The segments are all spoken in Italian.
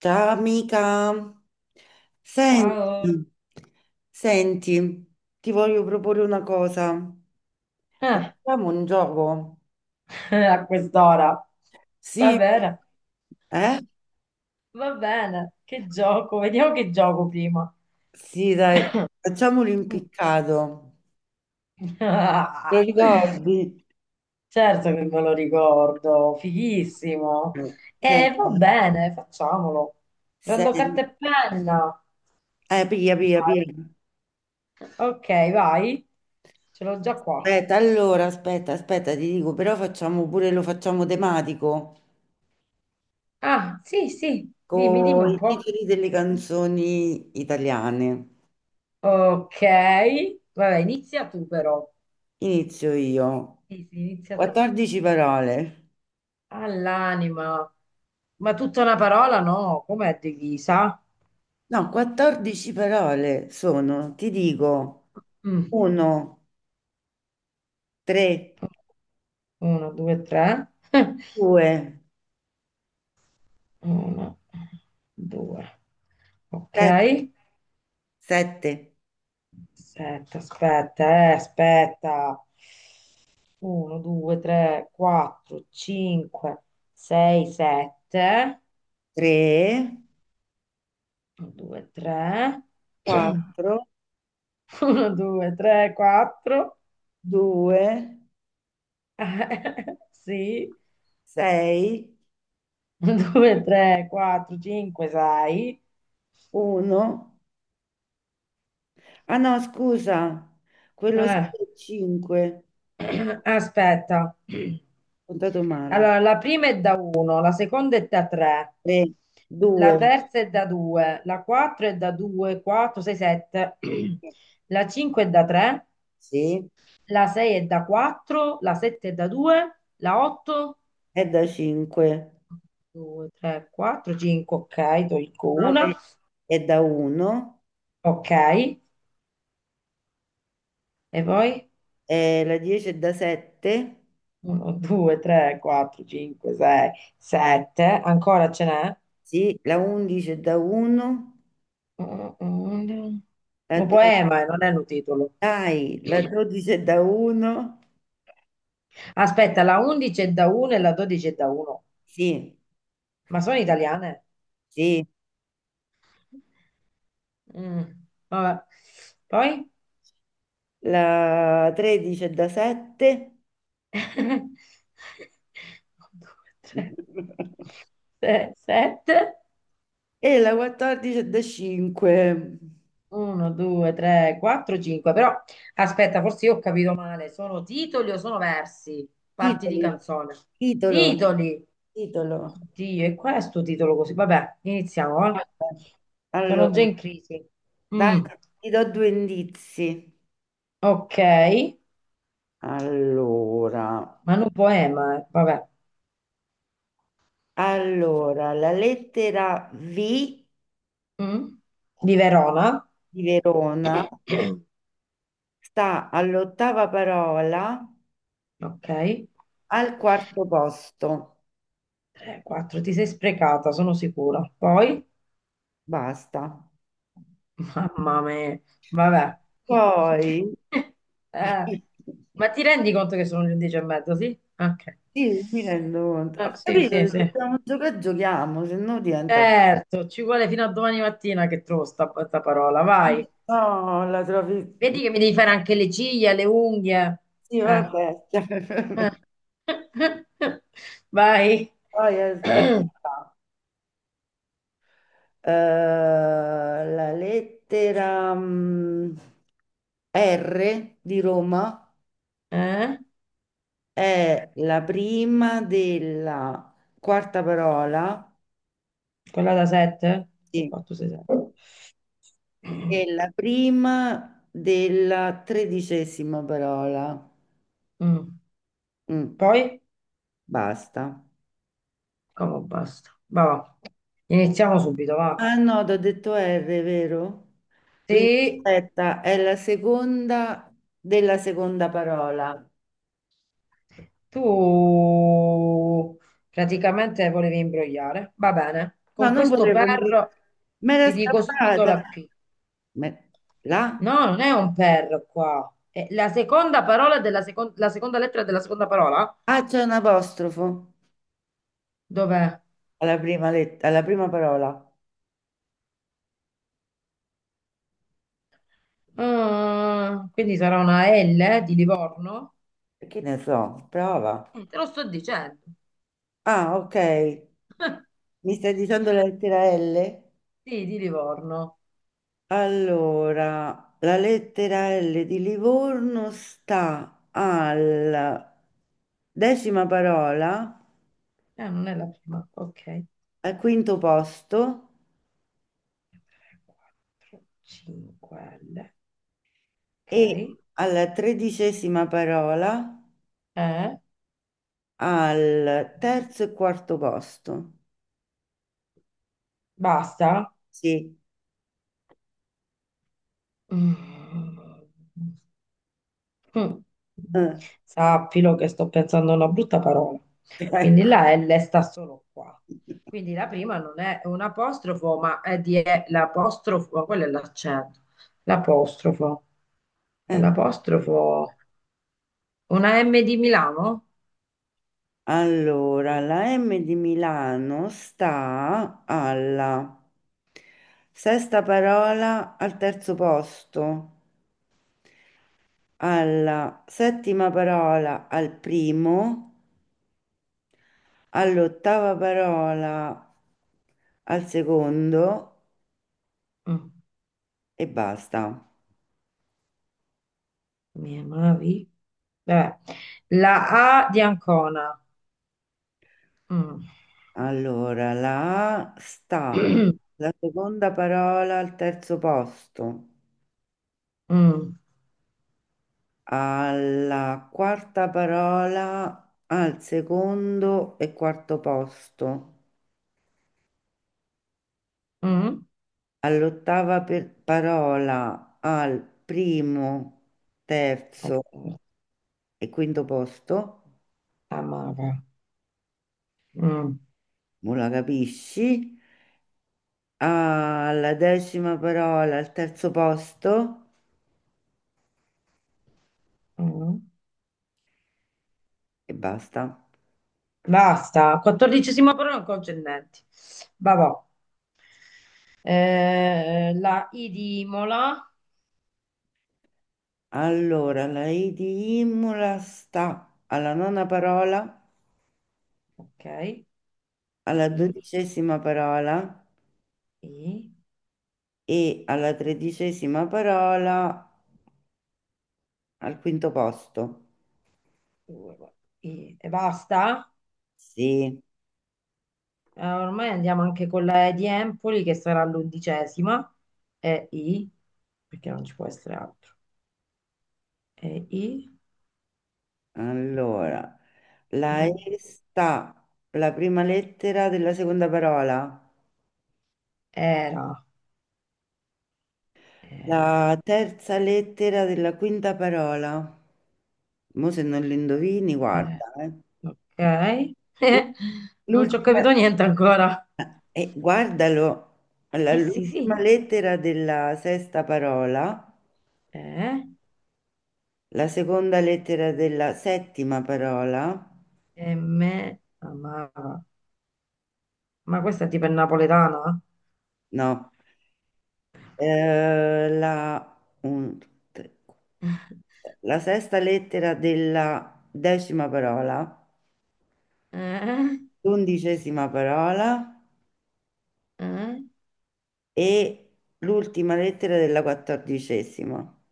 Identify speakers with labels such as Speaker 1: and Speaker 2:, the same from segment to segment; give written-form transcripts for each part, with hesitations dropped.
Speaker 1: Ciao amica, senti,
Speaker 2: Ciao.
Speaker 1: senti, ti voglio proporre una cosa.
Speaker 2: Ah,
Speaker 1: Facciamo un gioco?
Speaker 2: a quest'ora. Va
Speaker 1: Sì,
Speaker 2: bene,
Speaker 1: eh?
Speaker 2: va bene. Che gioco? Vediamo che gioco prima.
Speaker 1: Sì, dai, facciamo
Speaker 2: Mm.
Speaker 1: l'impiccato. Ti
Speaker 2: Ah,
Speaker 1: ricordi?
Speaker 2: certo che me lo ricordo, fighissimo.
Speaker 1: Che...
Speaker 2: E va bene, facciamolo. Prendo
Speaker 1: sen-
Speaker 2: carta e penna.
Speaker 1: Pia, pia,
Speaker 2: Vai.
Speaker 1: pia.
Speaker 2: Ok, vai. Ce l'ho già qua.
Speaker 1: Aspetta, allora, aspetta, aspetta, ti dico, però facciamo pure, lo facciamo tematico,
Speaker 2: Ah, sì, sì. Dimmi, dimmi
Speaker 1: con
Speaker 2: un
Speaker 1: i
Speaker 2: po'.
Speaker 1: titoli delle canzoni italiane.
Speaker 2: Ok. Vabbè, inizia tu però.
Speaker 1: Inizio io.
Speaker 2: Sì, sì, inizia tu.
Speaker 1: 14 parole.
Speaker 2: All'anima. Ma tutta una parola? No, com'è divisa?
Speaker 1: No, 14 parole sono, ti dico,
Speaker 2: Mm.
Speaker 1: 1, 3,
Speaker 2: Uno, due, tre.
Speaker 1: 2,
Speaker 2: Uno, due. Ok.
Speaker 1: 7,
Speaker 2: Aspetta, aspetta, aspetta. Uno, due, tre, quattro, cinque, sei, sette.
Speaker 1: 3,
Speaker 2: Uno, due, tre.
Speaker 1: 4,
Speaker 2: Uno, due, tre, quattro.
Speaker 1: 2,
Speaker 2: Sì.
Speaker 1: 6,
Speaker 2: Uno, due, tre, quattro, cinque, sei.
Speaker 1: 1. Ah no, scusa, quello solo
Speaker 2: Eh,
Speaker 1: è 5. Ho
Speaker 2: aspetta.
Speaker 1: contato male.
Speaker 2: Allora, la prima è da 1, la seconda è da 3,
Speaker 1: 3,
Speaker 2: la
Speaker 1: 2,
Speaker 2: terza è da 2, la 4 è da 2, 4, 6, 7, la 5 è da 3,
Speaker 1: sì,
Speaker 2: la 6 è da 4, la 7 è da 2, la 8,
Speaker 1: è da 5,
Speaker 2: 2, 3, 4, 5, ok, tolgo una,
Speaker 1: 9 è da 1.
Speaker 2: ok, e poi
Speaker 1: La 10 è da 7,
Speaker 2: 1, 2, 3, 4, 5, 6, 7, ancora ce n'è?
Speaker 1: sì, la 11 è da 1,
Speaker 2: Un
Speaker 1: la
Speaker 2: un
Speaker 1: 12,
Speaker 2: poema, non è un titolo.
Speaker 1: dai, la 12 è da 1,
Speaker 2: Aspetta, la 11 è da 1 e la 12 è da 1.
Speaker 1: sì,
Speaker 2: Ma sono italiane?
Speaker 1: sì,
Speaker 2: Mm, vabbè. Poi?
Speaker 1: la 13 è da 7
Speaker 2: 1, 2, 3, 7.
Speaker 1: e la 14 è da 5.
Speaker 2: 1, 2, 3, 4, 5. Però aspetta, forse io ho capito male. Sono titoli o sono versi? Parti di
Speaker 1: Titoli,
Speaker 2: canzone.
Speaker 1: titolo,
Speaker 2: Titoli.
Speaker 1: titolo.
Speaker 2: Oddio, e qual è sto titolo così? Vabbè, iniziamo, va?
Speaker 1: Vabbè. Allora,
Speaker 2: Sono già in crisi.
Speaker 1: dai,
Speaker 2: Mm,
Speaker 1: ti do due indizi.
Speaker 2: ok,
Speaker 1: Allora,
Speaker 2: Manu Poema, vabbè.
Speaker 1: allora, la lettera V
Speaker 2: Mm, di Verona,
Speaker 1: di Verona sta all'ottava parola,
Speaker 2: ok.
Speaker 1: al quarto posto.
Speaker 2: 3, 4, ti sei sprecata, sono sicura. Poi,
Speaker 1: Basta.
Speaker 2: mamma mia, vabbè.
Speaker 1: Poi,
Speaker 2: Eh, ma
Speaker 1: sì,
Speaker 2: ti rendi conto che sono le 10 e mezzo, sì? Ok.
Speaker 1: mi rendo conto. Ho
Speaker 2: Sì,
Speaker 1: capito
Speaker 2: sì,
Speaker 1: che se
Speaker 2: sì.
Speaker 1: dobbiamo giocare, giochiamo, se no diventa...
Speaker 2: Certo, ci vuole fino a domani mattina che trovo sta parola, vai.
Speaker 1: No, la trovi...
Speaker 2: Vedi che mi devi fare anche le ciglia, le unghie.
Speaker 1: Sì,
Speaker 2: Eh,
Speaker 1: vabbè.
Speaker 2: eh. Vai.
Speaker 1: Poi aspetta. La lettera R di Roma.
Speaker 2: Eh?
Speaker 1: È la prima della quarta parola.
Speaker 2: Quella da 7?
Speaker 1: Sì.
Speaker 2: 4, 6, 7.
Speaker 1: E la prima della tredicesima parola. Mm,
Speaker 2: Poi?
Speaker 1: basta.
Speaker 2: Come basta. Va, va. Iniziamo subito, va.
Speaker 1: Ah no, ti ho detto R, vero? Quindi
Speaker 2: Sì,
Speaker 1: aspetta, è la seconda della seconda parola.
Speaker 2: tu praticamente volevi imbrogliare. Va bene.
Speaker 1: No,
Speaker 2: Con
Speaker 1: non
Speaker 2: questo
Speaker 1: volevo dire.
Speaker 2: per
Speaker 1: Me l'è
Speaker 2: ti dico subito la
Speaker 1: scappata.
Speaker 2: P.
Speaker 1: Me- La?
Speaker 2: No, non è un per qua. È la seconda parola della secon- la seconda lettera della seconda parola?
Speaker 1: Ah, c'è un apostrofo
Speaker 2: Dov'è?
Speaker 1: alla prima, alla prima parola.
Speaker 2: Ah, quindi sarà una L di Livorno?
Speaker 1: Che ne so, prova.
Speaker 2: Mm. Te lo sto dicendo.
Speaker 1: Ah, ok. Mi stai dicendo la lettera L?
Speaker 2: Sì, di Livorno.
Speaker 1: Allora, la lettera L di Livorno sta alla decima parola,
Speaker 2: Non è la prima. Ok. 3,
Speaker 1: al quinto posto
Speaker 2: 4, 5 L. Ok.
Speaker 1: e alla tredicesima parola,
Speaker 2: Eh,
Speaker 1: al terzo e quarto posto.
Speaker 2: basta.
Speaker 1: Sì.
Speaker 2: Mm. Mm.
Speaker 1: Eh.
Speaker 2: Sappilo che sto pensando a una brutta parola. Quindi la L sta solo qua. Quindi la prima non è un apostrofo, ma è di è l'apostrofo, ma quello è l'accento. L'apostrofo. È
Speaker 1: Eh.
Speaker 2: l'apostrofo. Una M di Milano?
Speaker 1: Allora, la M di Milano sta alla sesta parola al terzo posto, alla settima parola al primo, all'ottava parola al secondo
Speaker 2: Mm.
Speaker 1: e basta.
Speaker 2: Mi amavi? Vabbè. La A di Ancona. Mm.
Speaker 1: Allora, la A sta, la seconda parola al terzo posto,
Speaker 2: Mm.
Speaker 1: alla quarta parola, al secondo e quarto posto,
Speaker 2: Mm.
Speaker 1: all'ottava parola, al primo, terzo
Speaker 2: Ecco,
Speaker 1: e quinto posto,
Speaker 2: amava. Mm.
Speaker 1: non la capisci, alla decima parola, al terzo posto
Speaker 2: Mm.
Speaker 1: e basta.
Speaker 2: Basta, quattordicesima parola non concernenti. Vabbò. La I di Imola.
Speaker 1: Allora, la I di Imola sta alla nona parola,
Speaker 2: Ok.
Speaker 1: alla
Speaker 2: I,
Speaker 1: dodicesima parola
Speaker 2: I,
Speaker 1: e alla tredicesima parola, al quinto posto.
Speaker 2: I. E basta.
Speaker 1: Sì,
Speaker 2: Ormai andiamo anche con la E di Empoli che sarà l'undicesima. E I, perché non ci può essere altro. E I,
Speaker 1: allora, la E
Speaker 2: Ru-
Speaker 1: sta la prima lettera della seconda parola,
Speaker 2: era, era.
Speaker 1: la terza lettera della quinta parola. Mo se non lo indovini,
Speaker 2: Eh,
Speaker 1: guarda, eh.
Speaker 2: ok. Non ci ho
Speaker 1: L'ultima,
Speaker 2: capito niente ancora.
Speaker 1: guardalo, allora,
Speaker 2: Eh sì, sì.
Speaker 1: l'ultima lettera della sesta parola,
Speaker 2: Eh.
Speaker 1: la seconda lettera della settima parola,
Speaker 2: E me amava. Ma questa è tipo è napoletana?
Speaker 1: no. Un, due, tre, quattro, sei. La sesta lettera della decima parola,
Speaker 2: Eh?
Speaker 1: l'undicesima parola
Speaker 2: Eh?
Speaker 1: e l'ultima lettera della quattordicesima.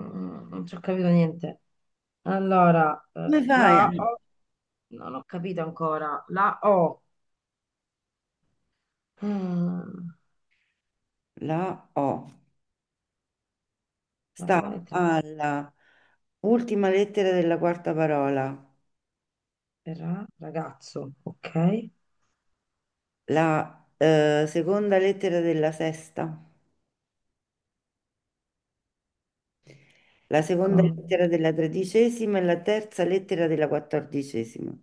Speaker 2: Mm, non ci ho capito niente. Allora,
Speaker 1: Come
Speaker 2: la
Speaker 1: fai?
Speaker 2: O, no, non ho capito ancora. La O, mm,
Speaker 1: La O
Speaker 2: la
Speaker 1: sta
Speaker 2: prima lettera
Speaker 1: alla ultima lettera della quarta parola,
Speaker 2: è Ra, ragazzo, ok?
Speaker 1: la seconda lettera della sesta, la seconda lettera
Speaker 2: Come-
Speaker 1: della tredicesima e la terza lettera della quattordicesima.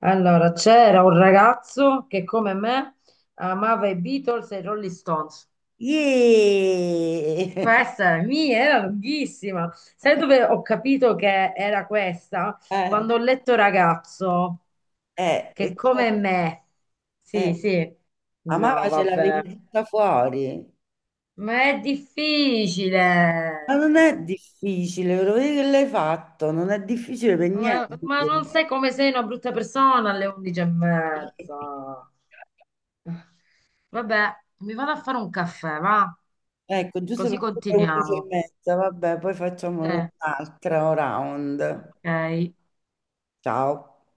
Speaker 2: Allora, c'era un ragazzo che come me amava i Beatles e i Rolling Stones.
Speaker 1: Yeee!
Speaker 2: Questa mi era lunghissima. Sai dove ho capito che era questa?
Speaker 1: Eh,
Speaker 2: Quando ho letto ragazzo, che
Speaker 1: E cioè,
Speaker 2: come me.
Speaker 1: eh,
Speaker 2: Sì, sì. No,
Speaker 1: amava ce
Speaker 2: vabbè.
Speaker 1: l'avevi tutta fuori.
Speaker 2: Ma è
Speaker 1: Ma non
Speaker 2: difficile.
Speaker 1: è difficile, ve lo vedi che l'hai fatto, non è difficile per
Speaker 2: Ma,
Speaker 1: niente.
Speaker 2: ma non sai come sei una brutta persona alle 11 e mezza. Vabbè, mi vado a fare un caffè, va?
Speaker 1: Ecco, giusto
Speaker 2: Così
Speaker 1: perché sono le 11 e
Speaker 2: continuiamo.
Speaker 1: mezza, vabbè, poi facciamo
Speaker 2: Eh,
Speaker 1: un'altra round.
Speaker 2: ok.
Speaker 1: Ciao.